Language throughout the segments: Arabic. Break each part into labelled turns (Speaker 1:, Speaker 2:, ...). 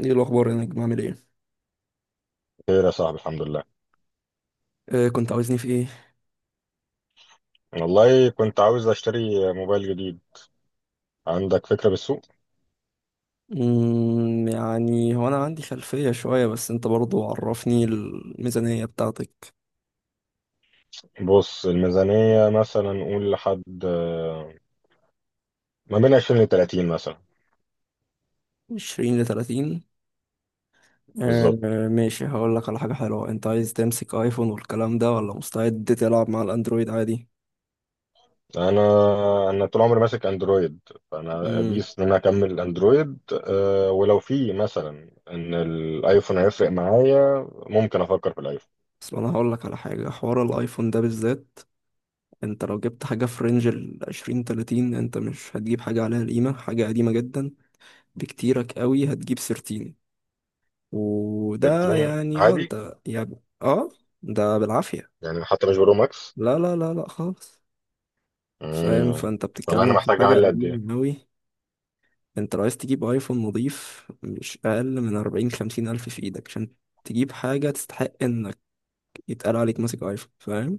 Speaker 1: ايه الاخبار يا نجم؟ عامل ايه؟
Speaker 2: خير يا صاحبي، الحمد لله.
Speaker 1: آه، كنت عاوزني في ايه؟
Speaker 2: والله كنت عاوز اشتري موبايل جديد. عندك فكرة بالسوق؟
Speaker 1: يعني هو انا عندي خلفية شوية، بس انت برضو عرفني الميزانية بتاعتك.
Speaker 2: بص، الميزانية مثلا نقول لحد، ما بين 20 ل 30 مثلا.
Speaker 1: 20 ل 30؟ آه
Speaker 2: بالظبط.
Speaker 1: آه، ماشي، هقول لك على حاجة حلوة. انت عايز تمسك ايفون والكلام ده، ولا مستعد تلعب مع الاندرويد عادي؟
Speaker 2: انا انا طول عمري ماسك اندرويد. فانا
Speaker 1: امم.
Speaker 2: بيس ان انا اكمل اندرويد. ولو في مثلا ان الايفون هيفرق معايا ممكن افكر في الايفون
Speaker 1: بس انا هقول لك على حاجة، حوار الايفون ده بالذات، انت لو جبت حاجة في رينج ال 20 30 انت مش هتجيب حاجة عليها قيمة، حاجة قديمة جدا. بكتيرك قوي هتجيب 13، وده
Speaker 2: 13
Speaker 1: يعني
Speaker 2: عادي.
Speaker 1: انت يعني اه ده بالعافية.
Speaker 2: يعني حتى مش برو ماكس.
Speaker 1: لا لا لا لا، خالص. فاهم؟
Speaker 2: مم.
Speaker 1: فانت
Speaker 2: طب انا
Speaker 1: بتتكلم في
Speaker 2: محتاج
Speaker 1: حاجة
Speaker 2: اعلي قد ايه؟
Speaker 1: قديمة أوي. انت لو عايز تجيب ايفون نضيف، مش أقل من أربعين خمسين ألف في ايدك، عشان تجيب حاجة تستحق انك يتقال عليك ماسك ايفون، فاهم؟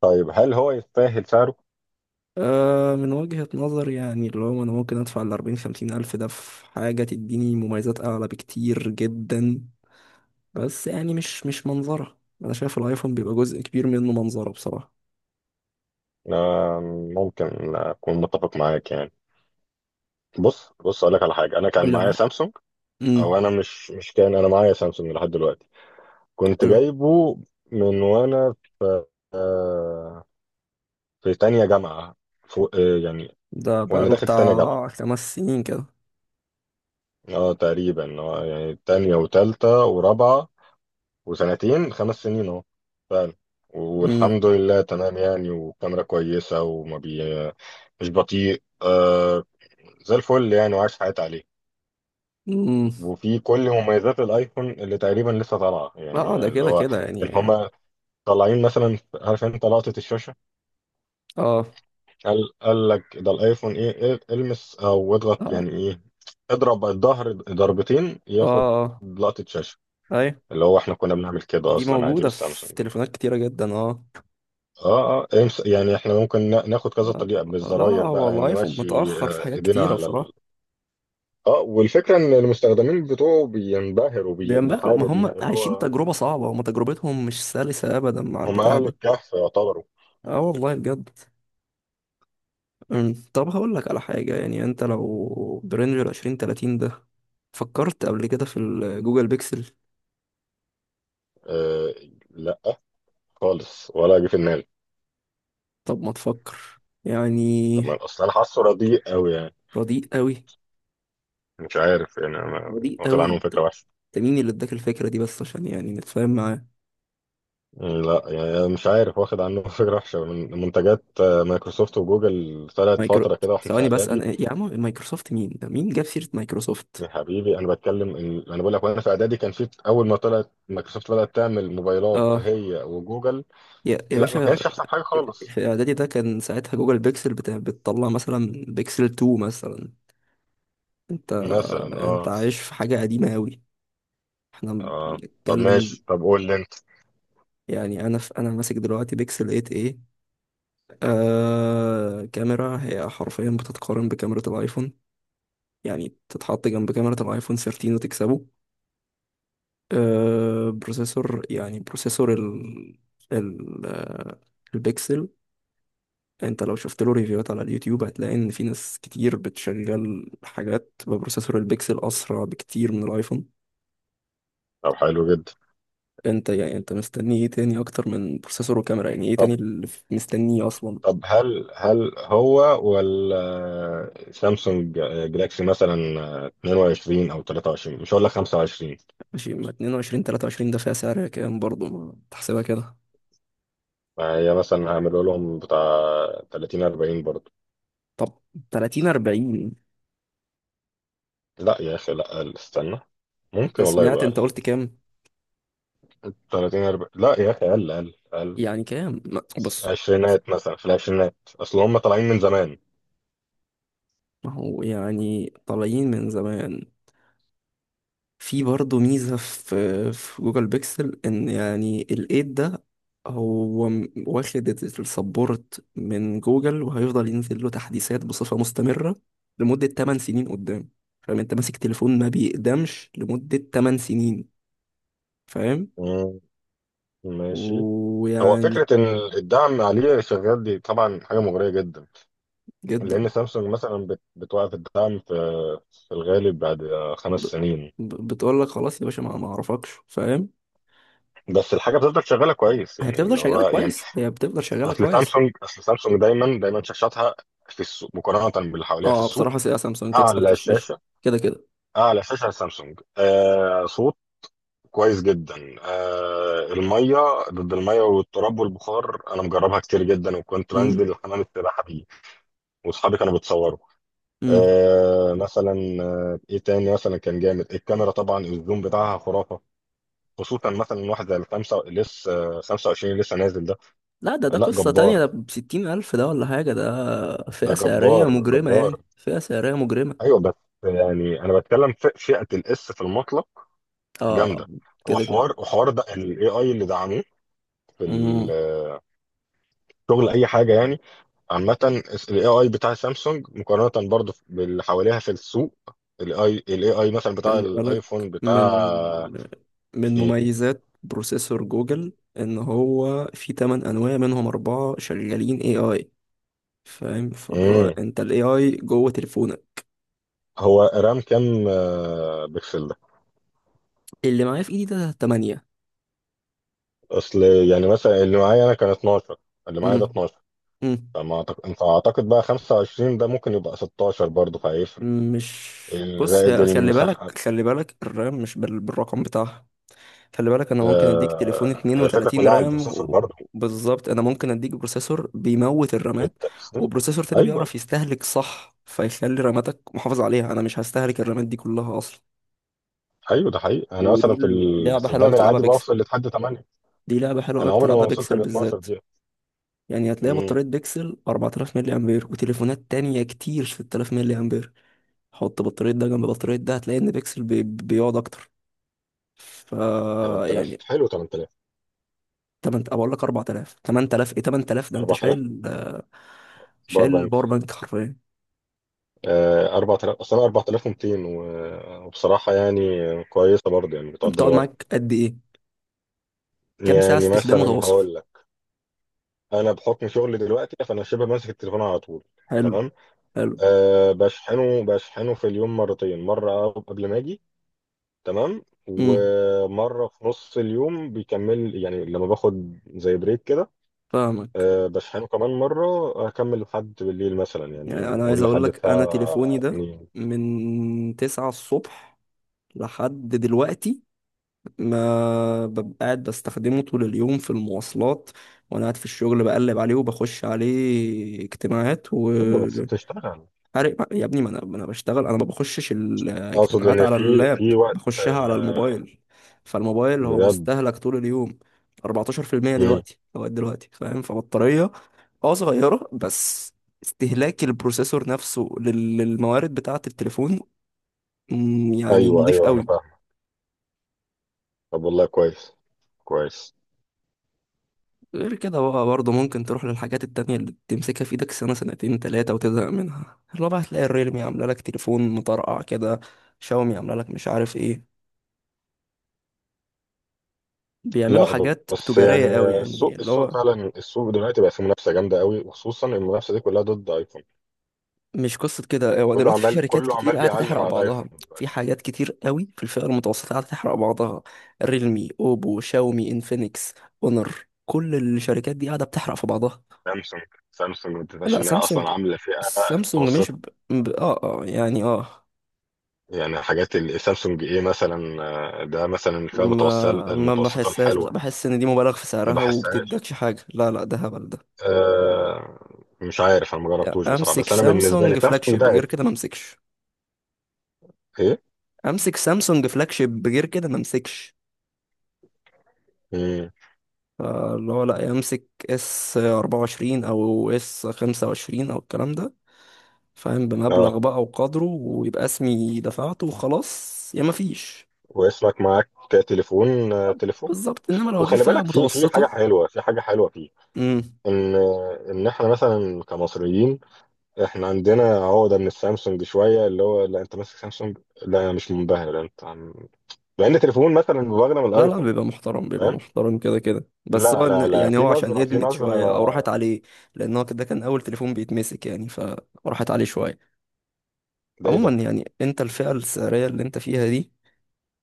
Speaker 2: طيب، هل هو يستاهل سعره؟
Speaker 1: آه، من وجهة نظر، يعني اللي هو انا ممكن ادفع الأربعين خمسين ألف ده في حاجة تديني مميزات أعلى بكتير جدا، بس يعني مش منظرة. انا شايف الايفون بيبقى جزء كبير منه منظرة بصراحة.
Speaker 2: آه، ممكن اكون متفق معاك يعني. بص بص، اقول لك على حاجه. انا
Speaker 1: قول
Speaker 2: كان
Speaker 1: لي
Speaker 2: معايا
Speaker 1: على،
Speaker 2: سامسونج او
Speaker 1: امم،
Speaker 2: انا، مش كان. انا معايا سامسونج لحد دلوقتي. كنت
Speaker 1: حلو.
Speaker 2: جايبه من وانا، آه، في تانية جامعه فوق، يعني.
Speaker 1: ده
Speaker 2: وانا
Speaker 1: بقاله
Speaker 2: داخل تانية جامعه.
Speaker 1: بتاع خمس سنين كده.
Speaker 2: اه تقريبا يعني تانية وتالتة ورابعه. وسنتين 5 سنين اهو فعلا.
Speaker 1: امم.
Speaker 2: والحمد لله تمام، يعني وكاميرا كويسه وما بي. مش بطيء، زي الفل يعني وعايش حياتي عليه.
Speaker 1: امم.
Speaker 2: وفي كل مميزات الايفون اللي تقريبا لسه طالعه،
Speaker 1: اه
Speaker 2: يعني
Speaker 1: ده
Speaker 2: اللي
Speaker 1: كده
Speaker 2: هو
Speaker 1: كده
Speaker 2: اللي
Speaker 1: يعني.
Speaker 2: هما طالعين مثلا. عارف انت لقطه الشاشه؟
Speaker 1: اه
Speaker 2: قال لك ده الايفون ايه. المس او اضغط،
Speaker 1: اه.
Speaker 2: يعني ايه. اضرب الظهر ضربتين،
Speaker 1: اه
Speaker 2: ياخد
Speaker 1: اه.
Speaker 2: لقطه شاشه.
Speaker 1: ايوه،
Speaker 2: اللي هو احنا كنا بنعمل كده
Speaker 1: دي
Speaker 2: اصلا عادي
Speaker 1: موجودة
Speaker 2: بالسامسونج
Speaker 1: في
Speaker 2: يا جماعه.
Speaker 1: تليفونات كتيرة جدا اه
Speaker 2: اه اه، امس يعني احنا ممكن ناخد كذا
Speaker 1: آه،
Speaker 2: طريقه
Speaker 1: لا لا،
Speaker 2: بالزراير
Speaker 1: هو
Speaker 2: بقى
Speaker 1: الايفون
Speaker 2: نمشي.
Speaker 1: متأخر في حاجات
Speaker 2: ايدينا
Speaker 1: كتيرة
Speaker 2: على
Speaker 1: بصراحة.
Speaker 2: ال... اه والفكره ان المستخدمين بتوعه بينبهروا
Speaker 1: بينبهروا؟ ما
Speaker 2: بالحاجه دي
Speaker 1: هم
Speaker 2: اللي
Speaker 1: عايشين
Speaker 2: هو.
Speaker 1: تجربة صعبة، هم تجربتهم مش سلسة أبدا مع
Speaker 2: هم
Speaker 1: البتاع
Speaker 2: اهل
Speaker 1: ده.
Speaker 2: الكهف يعتبروا.
Speaker 1: اه والله بجد. طب هقول لك على حاجة، يعني انت لو برينج العشرين تلاتين ده، فكرت قبل كده في الجوجل بيكسل؟
Speaker 2: أه، لا، خالص. ولا جه في دماغي.
Speaker 1: طب ما تفكر يعني.
Speaker 2: طب، ما اصل انا حاسه رديء قوي يعني.
Speaker 1: رديء قوي؟
Speaker 2: مش عارف يعني، انا
Speaker 1: رديء
Speaker 2: واخد
Speaker 1: قوي
Speaker 2: عنهم
Speaker 1: انت؟
Speaker 2: فكره وحشه.
Speaker 1: انت مين اللي اداك الفكره دي بس، عشان يعني نتفاهم معاه.
Speaker 2: لا يعني، مش عارف، واخد عنه فكره وحشه من منتجات مايكروسوفت وجوجل. طلعت
Speaker 1: مايكرو،
Speaker 2: فتره كده واحنا في
Speaker 1: ثواني بس،
Speaker 2: اعدادي.
Speaker 1: انا يا عم مايكروسوفت مين ده؟ مين جاب سيره مايكروسوفت؟
Speaker 2: يا حبيبي، انا بتكلم إن انا بقول لك وانا في اعدادي، كان في اول ما طلعت مايكروسوفت بدات تعمل موبايلات
Speaker 1: اه.
Speaker 2: هي وجوجل.
Speaker 1: يا
Speaker 2: لا، ما
Speaker 1: باشا،
Speaker 2: كانش احسن حاجه خالص.
Speaker 1: في اعدادي ده كان ساعتها جوجل بيكسل بتطلع مثلا بيكسل 2 مثلا. انت،
Speaker 2: مثلا،
Speaker 1: انت
Speaker 2: اه.
Speaker 1: عايش في حاجه قديمه قوي، احنا
Speaker 2: اه، طب
Speaker 1: بنتكلم.
Speaker 2: ماشي. طب قول لي انت.
Speaker 1: يعني انا انا ماسك دلوقتي بيكسل 8 ايه. كاميرا هي حرفيا بتتقارن بكاميرا الايفون، يعني تتحط جنب كاميرا الايفون 13 وتكسبه. بروسيسور، يعني بروسيسور ال البيكسل. انت لو شفت له ريفيوهات على اليوتيوب هتلاقي ان في ناس كتير بتشغل حاجات ببروسيسور البيكسل اسرع بكتير من الايفون.
Speaker 2: طب حلو جدا.
Speaker 1: انت يعني انت مستني ايه تاني اكتر من بروسيسور وكاميرا؟ يعني ايه
Speaker 2: طب
Speaker 1: تاني اللي مستنيه اصلا؟
Speaker 2: طب هل هو ولا سامسونج جلاكسي مثلا؟ 22 او 23، مش هقول لك 25.
Speaker 1: ماشي، ما 22 23 ده فيها سعر كام برضه؟ ما تحسبها كده.
Speaker 2: ما هي مثلا هعمله لهم بتاع 30 40 برضه.
Speaker 1: طب 30 40؟
Speaker 2: لا يا اخي، لا اقل، استنى.
Speaker 1: انت
Speaker 2: ممكن والله
Speaker 1: سمعت؟
Speaker 2: يبقى
Speaker 1: انت
Speaker 2: اقل.
Speaker 1: قلت كام؟
Speaker 2: 30 40؟ لا يا اخي، اقل اقل اقل.
Speaker 1: يعني كام، بص بص،
Speaker 2: عشرينات مثلا، في العشرينات، اصل هم طالعين من زمان.
Speaker 1: ما هو يعني طالعين من زمان. في برضه ميزة في جوجل بيكسل، ان يعني الايد ده، هو واخد السبورت من جوجل وهيفضل ينزل له تحديثات بصفة مستمرة لمدة 8 سنين قدام. فاهم؟ انت ماسك تليفون ما بيقدمش لمدة 8 سنين، فاهم؟
Speaker 2: مم، ماشي. هو
Speaker 1: ويعني
Speaker 2: فكرة إن الدعم عليه شغال، دي طبعا حاجة مغرية جدا.
Speaker 1: جدا.
Speaker 2: لأن سامسونج مثلا بتوقف الدعم في الغالب بعد خمس
Speaker 1: ب...
Speaker 2: سنين
Speaker 1: بتقول لك خلاص يا باشا، ما اعرفكش، فاهم؟
Speaker 2: بس الحاجة بتفضل شغالة كويس
Speaker 1: هي
Speaker 2: يعني،
Speaker 1: بتفضل
Speaker 2: اللي هو
Speaker 1: شغالة
Speaker 2: يعني.
Speaker 1: كويس، هي بتفضل شغالة
Speaker 2: أصل
Speaker 1: كويس.
Speaker 2: سامسونج أصل سامسونج دايما دايما، شاشاتها في السوق مقارنة باللي حواليها في
Speaker 1: اه،
Speaker 2: السوق.
Speaker 1: بصراحة سيئة، سامسونج تكسب في
Speaker 2: أعلى
Speaker 1: الشاشة
Speaker 2: شاشة،
Speaker 1: كده كده.
Speaker 2: أعلى شاشة سامسونج. صوت كويس جدا. المية، ضد المية والتراب والبخار. أنا مجربها كتير جدا، وكنت
Speaker 1: امم.
Speaker 2: بنزل حمام السباحة بيه. وأصحابي كانوا بيتصوروا.
Speaker 1: امم.
Speaker 2: مثلا. ايه تاني مثلا، كان جامد. الكاميرا طبعا الزوم بتاعها خرافه. خصوصا مثلا واحد زي الخمسه لسه، 25 اللي لسه نازل ده.
Speaker 1: لا، ده
Speaker 2: لا،
Speaker 1: قصة تانية،
Speaker 2: جبار.
Speaker 1: ده بستين ألف ده ولا حاجة، ده
Speaker 2: ده
Speaker 1: فئة سعرية
Speaker 2: جبار
Speaker 1: مجرمة،
Speaker 2: جبار.
Speaker 1: يعني فئة سعرية مجرمة.
Speaker 2: ايوه بس، يعني انا بتكلم في فئه الاس في المطلق. جامده.
Speaker 1: اه، كده كده.
Speaker 2: وحوار ده الاي اي اللي دعموه في
Speaker 1: امم.
Speaker 2: شغل اي حاجه يعني. عامه. الاي اي بتاع سامسونج مقارنه برضه باللي حواليها في السوق. الاي اي مثلا بتاع
Speaker 1: خلي بالك،
Speaker 2: الايفون،
Speaker 1: من
Speaker 2: بتاع
Speaker 1: من مميزات بروسيسور جوجل، ان هو في 8 انواع منهم اربعة شغالين اي اي، فاهم؟ فهو
Speaker 2: ايه.
Speaker 1: انت الاي اي جوه تليفونك.
Speaker 2: هو رام كام، بكسل ده؟
Speaker 1: اللي معايا في ايدي ده 8.
Speaker 2: اصل يعني مثلا اللي معايا انا كان 12، اللي معايا ده 12.
Speaker 1: امم.
Speaker 2: فاعتقد بقى 25 ده ممكن يبقى 16 برضه، فهيفرق
Speaker 1: مش، بص،
Speaker 2: زائد
Speaker 1: هي خلي
Speaker 2: المساحه.
Speaker 1: بالك، خلي بالك الرام مش بالرقم بتاعها. خلي بالك، انا ممكن اديك تليفون
Speaker 2: هي الفكره
Speaker 1: 32
Speaker 2: كلها على
Speaker 1: رام
Speaker 2: البروسيسور برضه
Speaker 1: بالظبط، انا ممكن اديك بروسيسور بيموت
Speaker 2: في
Speaker 1: الرامات،
Speaker 2: التأثير.
Speaker 1: وبروسيسور تاني
Speaker 2: ايوه
Speaker 1: بيعرف يستهلك صح فيخلي راماتك محافظ عليها، انا مش هستهلك الرامات دي كلها اصلا.
Speaker 2: ايوه، ده حقيقي. انا
Speaker 1: ودي
Speaker 2: مثلا في
Speaker 1: لعبة حلوة أوي
Speaker 2: الاستخدام
Speaker 1: بتلعبها
Speaker 2: العادي
Speaker 1: بيكسل،
Speaker 2: بوصل لحد 8.
Speaker 1: دي لعبة حلوة أوي
Speaker 2: انا عمري ما
Speaker 1: بتلعبها
Speaker 2: وصلت
Speaker 1: بيكسل
Speaker 2: ل 12
Speaker 1: بالذات.
Speaker 2: دي.
Speaker 1: يعني هتلاقي
Speaker 2: امم
Speaker 1: بطارية بيكسل 4000 ملي أمبير، وتليفونات تانية كتير 6000 ملي أمبير. حط بطارية ده جنب بطارية ده هتلاقي إن بيكسل بيقعد أكتر. ف،
Speaker 2: 8000،
Speaker 1: يعني
Speaker 2: حلو 8000.
Speaker 1: 8، اقول لك 4000، 8000 ايه؟ 8000 ده انت
Speaker 2: 4000. ب
Speaker 1: شايل الباور بانك حرفيا.
Speaker 2: 4000 أصلا، 4200. وبصراحة يعني كويسة برضه، يعني
Speaker 1: انت
Speaker 2: بتقدر
Speaker 1: بتقعد
Speaker 2: الغرض.
Speaker 1: معاك قد ايه؟ كام ساعه
Speaker 2: يعني
Speaker 1: استخدام
Speaker 2: مثلا
Speaker 1: متواصل؟
Speaker 2: هقول لك. أنا بحكم شغلي دلوقتي فأنا شبه ماسك التليفون على طول.
Speaker 1: حلو.
Speaker 2: تمام.
Speaker 1: حلو.
Speaker 2: أه، بشحنه في اليوم مرتين، مرة قبل ما أجي. تمام.
Speaker 1: امم.
Speaker 2: ومرة في نص اليوم بيكمل، يعني لما باخد زي بريك كده.
Speaker 1: فاهمك.
Speaker 2: أه، بشحنه كمان مرة. أكمل لحد بالليل مثلا،
Speaker 1: يعني
Speaker 2: يعني
Speaker 1: انا عايز
Speaker 2: قول
Speaker 1: اقول
Speaker 2: لحد
Speaker 1: لك، انا
Speaker 2: الساعة
Speaker 1: تليفوني ده
Speaker 2: 2.
Speaker 1: من 9 الصبح لحد دلوقتي ما ببقى قاعد بستخدمه طول اليوم، في المواصلات وانا قاعد في الشغل بقلب عليه وبخش عليه اجتماعات و،
Speaker 2: أيوة، بس بتشتغل.
Speaker 1: عارف يا ابني، ما انا بشتغل، انا ما بخشش
Speaker 2: اقصد
Speaker 1: الاجتماعات
Speaker 2: ان
Speaker 1: على
Speaker 2: في
Speaker 1: اللاب،
Speaker 2: في وقت،
Speaker 1: بخشها على الموبايل، فالموبايل هو
Speaker 2: بجد.
Speaker 1: مستهلك طول اليوم. 14%
Speaker 2: مم.
Speaker 1: دلوقتي لغايه دلوقتي، فاهم؟ فبطاريه اه صغيره، بس استهلاك البروسيسور نفسه للموارد بتاعه التليفون، يعني
Speaker 2: ايوه
Speaker 1: نضيف
Speaker 2: ايوه، انا
Speaker 1: قوي.
Speaker 2: فاهم. طب والله، كويس كويس.
Speaker 1: غير كده بقى برضه ممكن تروح للحاجات التانية اللي تمسكها في ايدك سنة سنتين تلاتة وتزهق منها، اللي هو بقى هتلاقي الريلمي عاملة لك تليفون مطرقع كده، شاومي عاملة لك مش عارف ايه، بيعملوا
Speaker 2: لا،
Speaker 1: حاجات
Speaker 2: بس يعني.
Speaker 1: تجارية قوي، يعني
Speaker 2: السوق
Speaker 1: اللي هو،
Speaker 2: السوق فعلا، السوق دلوقتي بقى فيه منافسه جامده قوي. وخصوصا المنافسه دي كلها ضد ايفون.
Speaker 1: مش قصة كده، هو
Speaker 2: كله
Speaker 1: دلوقتي في
Speaker 2: عمال
Speaker 1: شركات
Speaker 2: كله
Speaker 1: كتير
Speaker 2: عمال
Speaker 1: قاعدة
Speaker 2: بيعلم
Speaker 1: تحرق
Speaker 2: على
Speaker 1: بعضها.
Speaker 2: الايفون
Speaker 1: في
Speaker 2: دلوقتي.
Speaker 1: حاجات كتير قوي في الفئة المتوسطة قاعدة تحرق بعضها، ريلمي، اوبو، شاومي، انفينكس، اونر، كل الشركات دي قاعدة بتحرق في بعضها.
Speaker 2: سامسونج سامسونج، ما تنساش
Speaker 1: لا
Speaker 2: ان هي
Speaker 1: سامسونج،
Speaker 2: اصلا عامله فئه
Speaker 1: سامسونج مش
Speaker 2: متوسطه.
Speaker 1: ب... ب... اه اه يعني اه
Speaker 2: يعني حاجات سامسونج، ايه مثلا؟ ده مثلا الفئه المتوسطه
Speaker 1: ما ما
Speaker 2: المتوسطه
Speaker 1: بحسهاش بس
Speaker 2: الحلوه.
Speaker 1: بحس ان دي مبالغ في
Speaker 2: ما
Speaker 1: سعرها
Speaker 2: بحسهاش.
Speaker 1: وبتدكش حاجة، لا لا ده هبل ده.
Speaker 2: آه، مش عارف، انا ما
Speaker 1: يعني
Speaker 2: جربتوش بصراحه،
Speaker 1: امسك
Speaker 2: بس انا بالنسبه لي
Speaker 1: سامسونج فلاج
Speaker 2: سامسونج
Speaker 1: شيب
Speaker 2: ده
Speaker 1: غير كده ما امسكش،
Speaker 2: ايه.
Speaker 1: امسك سامسونج فلاج شيب غير كده ما امسكش،
Speaker 2: امم.
Speaker 1: اللي هو لا يمسك اس 24 او اس 25 او الكلام ده، فاهم؟
Speaker 2: اه.
Speaker 1: بمبلغ بقى وقدره ويبقى اسمي دفعته وخلاص، يا ما فيش.
Speaker 2: ويسرق معاك تليفون، تليفون.
Speaker 1: بالظبط، انما لو هجيب
Speaker 2: وخلي
Speaker 1: فئة
Speaker 2: بالك، في حاجه
Speaker 1: متوسطة.
Speaker 2: حلوه، في حاجه حلوه فيه.
Speaker 1: امم.
Speaker 2: ان ان احنا مثلا كمصريين. احنا عندنا عقده من السامسونج شويه، اللي هو لا، انت ماسك سامسونج. لا انا مش منبهر، لا، انت عم... لان تليفون مثلا مبهر من
Speaker 1: لا لا
Speaker 2: الايفون.
Speaker 1: بيبقى محترم، بيبقى
Speaker 2: فاهم.
Speaker 1: محترم كده كده، بس
Speaker 2: لا
Speaker 1: هو
Speaker 2: لا لا،
Speaker 1: يعني
Speaker 2: في
Speaker 1: هو عشان
Speaker 2: نظره في
Speaker 1: ادمت
Speaker 2: نظره.
Speaker 1: شوية او راحت عليه، لان هو كده كان اول تليفون بيتمسك يعني، فراحت عليه شوية.
Speaker 2: ده ايه ده؟
Speaker 1: عموما، يعني انت الفئة السعرية اللي انت فيها دي،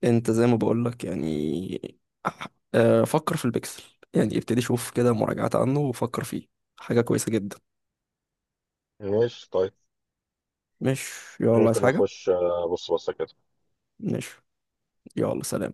Speaker 1: انت زي ما بقولك يعني، أح- فكر في البكسل، يعني ابتدي شوف كده مراجعات عنه وفكر فيه، حاجة كويسة جدا.
Speaker 2: ماشي، طيب.
Speaker 1: مش، يلا عايز
Speaker 2: ممكن
Speaker 1: حاجة؟
Speaker 2: اخش، ابص بصه كده.
Speaker 1: مش، يلا سلام.